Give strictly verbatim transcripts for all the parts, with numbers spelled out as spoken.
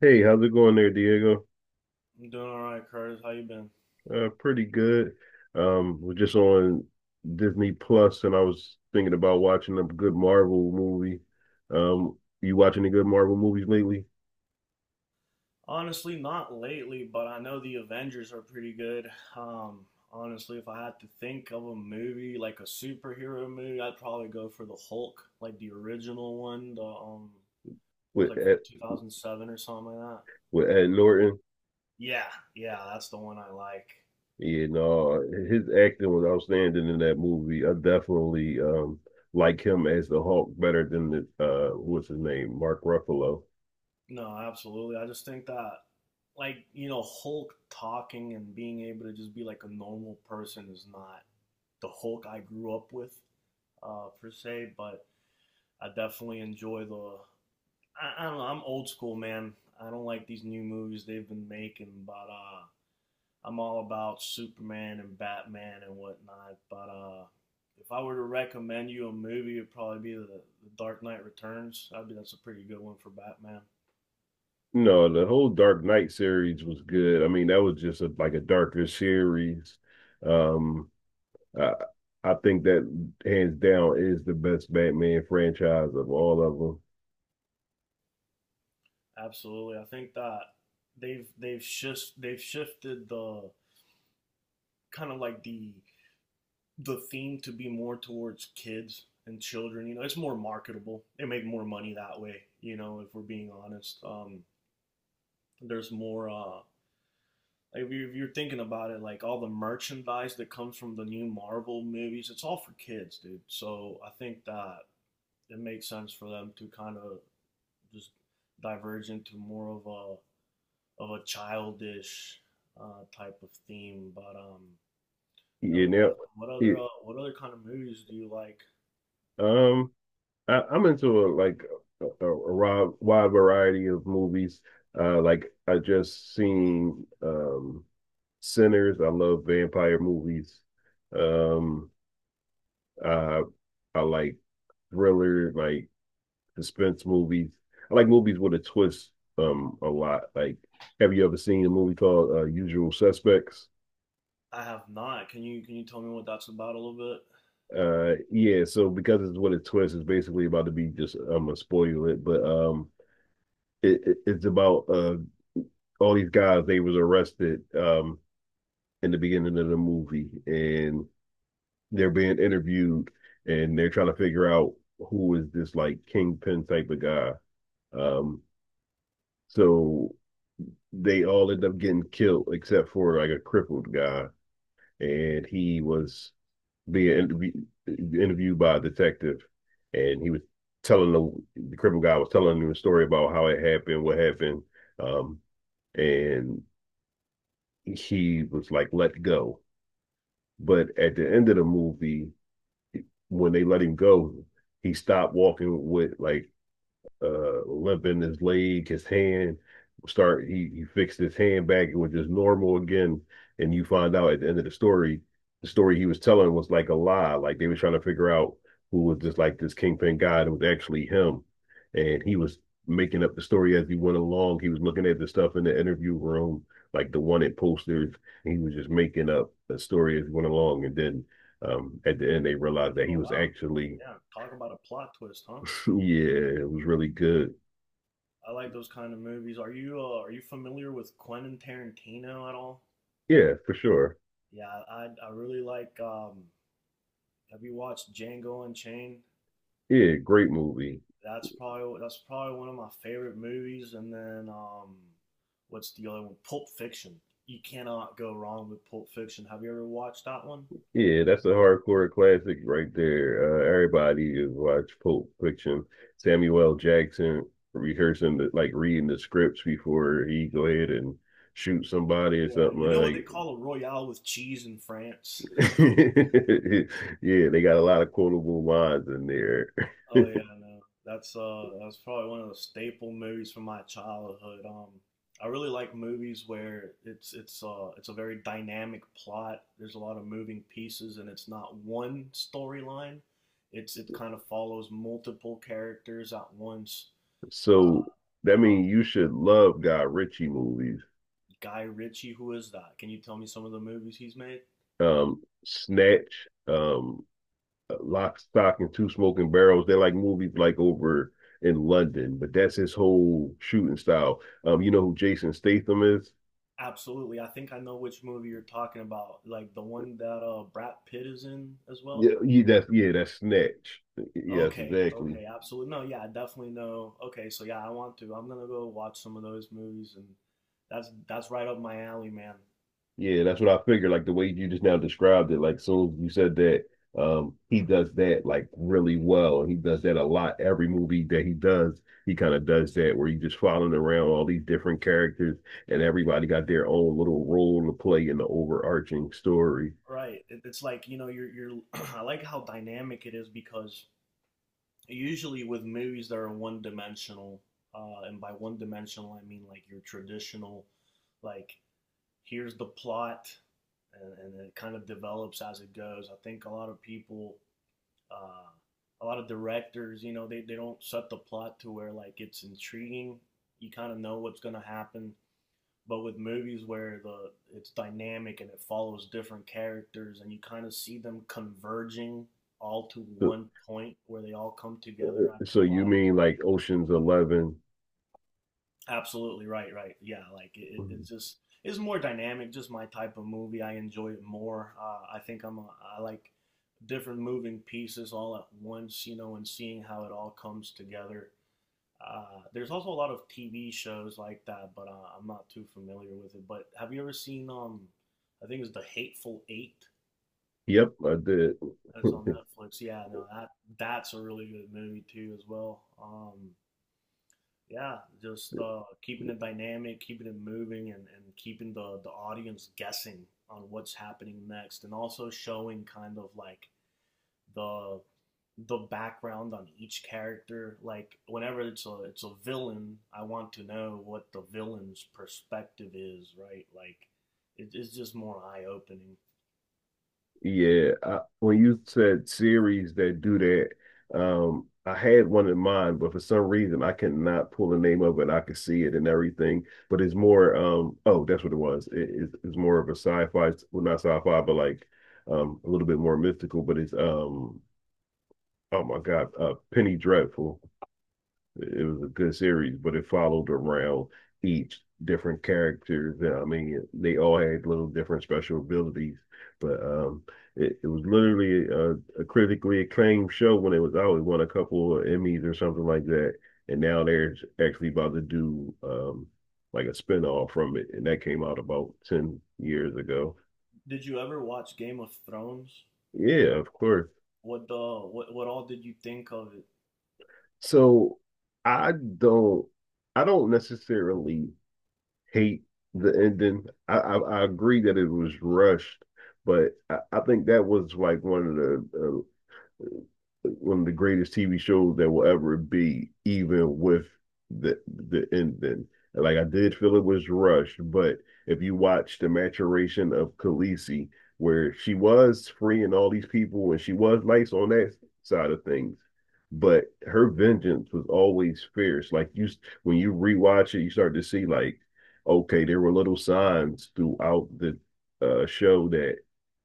Hey, how's it going there, Diego? I'm doing all right, Curtis. How you been? Uh, pretty good. Um, we're just on Disney Plus, and I was thinking about watching a good Marvel movie. Um, you watching any good Marvel movies lately Honestly, not lately, but I know the Avengers are pretty good. Um, Honestly, if I had to think of a movie like a superhero movie, I'd probably go for the Hulk, like the original one. The um, It was with like from Ed, two thousand seven or something like that. with Ed Norton? Yeah, yeah, that's the one I like. Yeah, no, his acting was outstanding in that movie. I definitely um like him as the Hulk better than the uh what's his name, Mark Ruffalo. No, absolutely. I just think that, like, you know, Hulk talking and being able to just be like a normal person is not the Hulk I grew up with, uh, per se, but. I definitely enjoy the. I, I don't know. I'm old school, man. I don't like these new movies they've been making, but uh, I'm all about Superman and Batman and whatnot. But uh, if I were to recommend you a movie, it'd probably be the, the Dark Knight Returns. I would be that's a pretty good one for Batman. No, the whole Dark Knight series was good. I mean, that was just a, like a darker series. Um, Uh, I think that hands down is the best Batman franchise of all of them. Absolutely, I think that they've they've just shift, they've shifted the kind of like the the theme to be more towards kids and children. You know, it's more marketable. They make more money that way. You know, if we're being honest, um, there's more. Uh, if you- if you're thinking about it, like all the merchandise that comes from the new Marvel movies, it's all for kids, dude. So I think that it makes sense for them to kind of just diverge into more of a of a childish uh, type of theme. But um, no, You know, definitely. What yeah, other uh, what other kind of movies do you like? um, I, I'm into a, like a, a wide, wide variety of movies. Uh, like I just seen um, Sinners. I love vampire movies. Um, uh, I like thriller, like suspense movies. I like movies with a twist um a lot. Like, have you ever seen a movie called uh, Usual Suspects? I have not. Can you can you tell me what that's about a little bit? Uh, yeah. So because it's what a twist, it's basically about to be just. I'm gonna spoil it, but um, it, it it's about uh all these guys. They was arrested um in the beginning of the movie, and they're being interviewed, and they're trying to figure out who is this like kingpin type of guy. Um, so they all end up getting killed except for like a crippled guy, and he was being intervie- interviewed by a detective, and he was telling the, the cripple guy was telling him a story about how it happened, what happened, um, and he was like let go. But at the end of the movie, when they let him go, he stopped walking with like uh limp in his leg, his hand. Start he he fixed his hand back, it was just normal again. And you find out at the end of the story, the story he was telling was like a lie. Like they were trying to figure out who was just like this kingpin guy. It was actually him, and he was making up the story as he went along. He was looking at the stuff in the interview room, like the wanted posters. And he was just making up a story as he went along, and then um, at the end they realized that he Oh was wow. actually Yeah, talk about a plot twist, huh? yeah, it was really good. I like those kind of movies. Are you uh, are you familiar with Quentin Tarantino at all? Yeah, for sure. Yeah, I I really like um have you watched Django Unchained? Yeah, great movie. That's probably that's probably one of my favorite movies, and then um what's the other one? Pulp Fiction. You cannot go wrong with Pulp Fiction. Have you ever watched that one? Yeah, that's a hardcore classic right there. Uh, everybody is watch Pulp Fiction. Samuel L. Jackson rehearsing the, like reading the scripts before he go ahead and shoot somebody or Yeah, something you uh, know what they like. call a royale with cheese in France? Yeah, they got a lot of quotable lines in there. Oh yeah, no. That's uh that's probably one of the staple movies from my childhood. Um I really like movies where it's it's uh it's a very dynamic plot. There's a lot of moving pieces and it's not one storyline. It's it kind of follows multiple characters at once. Uh, So that uh-huh. means you should love Guy Ritchie movies. Guy Ritchie, who is that? Can you tell me some of the movies he's made? Um, Snatch. Um, Lock, Stock, and Two Smoking Barrels. They're like movies like over in London, but that's his whole shooting style. Um, you know who Jason Statham is? Absolutely. I think I know which movie you're talking about. Like the one that uh Brad Pitt is in as well. Yeah, yeah, that's yeah, that's Snatch. Yes, Okay, exactly. okay, absolutely. No, yeah, I definitely know. Okay, so yeah, I want to. I'm gonna go watch some of those movies, and that's that's right up my alley, man. Yeah, that's what I figured. Like the way you just now described it, like soon as you said that, um, he does that like really well, and he does that a lot. Every movie that he does, he kind of does that where he's just following around all these different characters, and everybody got their own little role to play in the overarching story. Right. It, it's like you know, you're you're. I like how dynamic it is because usually with movies that are one dimensional, uh, and by one dimensional I mean like your traditional, like here's the plot, and, and it kind of develops as it goes. I think a lot of people uh, a lot of directors, you know, they, they don't set the plot to where like it's intriguing. You kind of know what's gonna happen. But with movies where the it's dynamic and it follows different characters and you kind of see them converging all to one point where they all come together at the So you plot. mean like Ocean's Eleven? Absolutely right, right. Yeah, like it, it Mhm. just is more dynamic, just my type of movie. I enjoy it more. Uh, I think I'm a, I like different moving pieces all at once, you know, and seeing how it all comes together. Uh, there's also a lot of T V shows like that, but uh, I'm not too familiar with it. But have you ever seen um I think it's The Hateful Eight? Yep, I did. That's on Netflix. Yeah, no, that that's a really good movie too as well. Um Yeah, just uh, keeping it dynamic, keeping it moving, and, and keeping the, the audience guessing on what's happening next, and also showing kind of like the the background on each character. Like whenever it's a it's a villain, I want to know what the villain's perspective is, right? Like it, it's just more eye opening. Yeah, I, when you said series that do that, um, I had one in mind, but for some reason I cannot pull the name of it. I could see it and everything, but it's more, um, oh, that's what it was. It, it's, it's more of a sci-fi, well, not sci-fi, but like um, a little bit more mystical. But it's um, oh my God, uh, Penny Dreadful. It was a good series, but it followed around each different character. I mean, they all had little different special abilities, but um, it, it was literally a, a critically acclaimed show when it was out. It won a couple of Emmys or something like that, and now they're actually about to do um, like a spinoff from it, and that came out about ten years ago. Did you ever watch Game of Thrones? Yeah, of course. What the what what all did you think of it? So I don't I don't necessarily hate the ending. I, I, I agree that it was rushed, but I, I think that was like one of the uh, one of the greatest T V shows that will ever be, even with the the ending. Like I did feel it was rushed, but if you watch the maturation of Khaleesi, where she was freeing all these people and she was nice on that side of things, but her vengeance was always fierce. Like you, when you rewatch it, you start to see like, okay, there were little signs throughout the uh, show that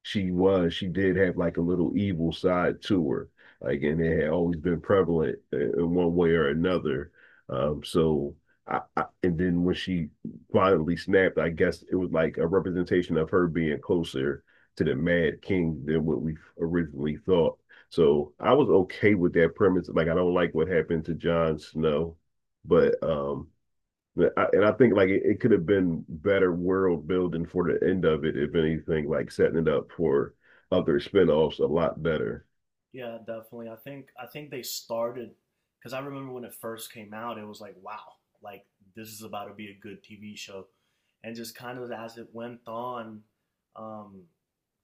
she was, she did have like a little evil side to her like and it had always been prevalent uh, in one way or another. Um, so I, I and then when she finally snapped, I guess it was like a representation of her being closer to the Mad King than what we originally thought. So I was okay with that premise. Like I don't like what happened to Jon Snow, but um, I, and I think like it, it could have been better world building for the end of it, if anything, like setting it up for other spinoffs a lot better. Yeah, definitely. I think I think they started because I remember when it first came out, it was like, wow, like this is about to be a good T V show, and just kind of as it went on, um,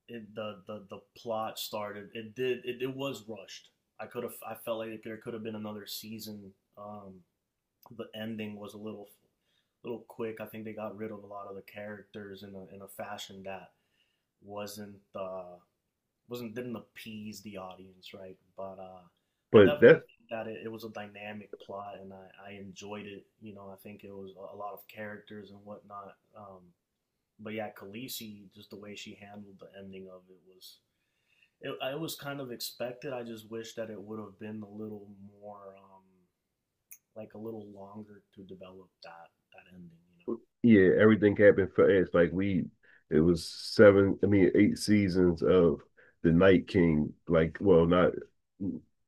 it, the the the plot started. It did. It, it was rushed. I could have. I felt like there could have been another season. Um, the ending was a little little quick. I think they got rid of a lot of the characters in a in a fashion that wasn't uh, wasn't didn't appease the audience, right? But uh, I But definitely that's think that it, it was a dynamic plot, and I, I enjoyed it. You know, I think it was a, a lot of characters and whatnot. Um, but yeah, Khaleesi, just the way she handled the ending of it was it, it was kind of expected. I just wish that it would have been a little more um, like a little longer to develop that that ending. You Yeah, everything happened fast. Like we, it was seven. I mean, eight seasons of the Night King. Like, well, not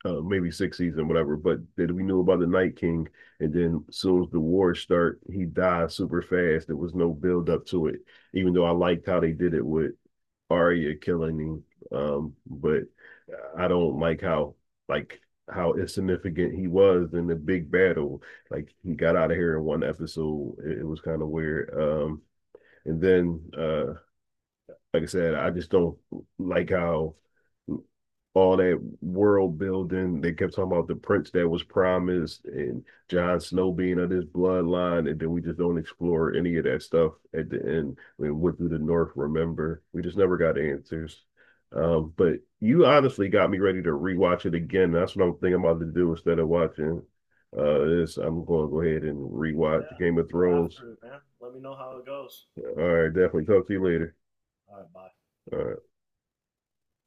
uh, maybe six season, whatever. But that we knew about the Night King, and then soon as the war start, he died super fast. There was no build up to it. Even though I liked how they did it with Arya killing him. Um, but I don't like how like how insignificant he was in the big battle. Like he got out of here in one episode. It, it was kind of weird. Um, and then uh, Like I said, I just don't like how all that world building. They kept talking about the prince that was promised and John Snow being of this bloodline, and then we just don't explore any of that stuff at the end. We went through the North, remember? We just never got answers. know, but Um, but you honestly got me ready to rewatch it again. That's what I'm thinking about to do instead of watching uh this. I'm going to go ahead and rewatch yeah. Game of But Thrones. after it, man, let me know how it goes. All right, definitely talk to you later. All right, bye. All right.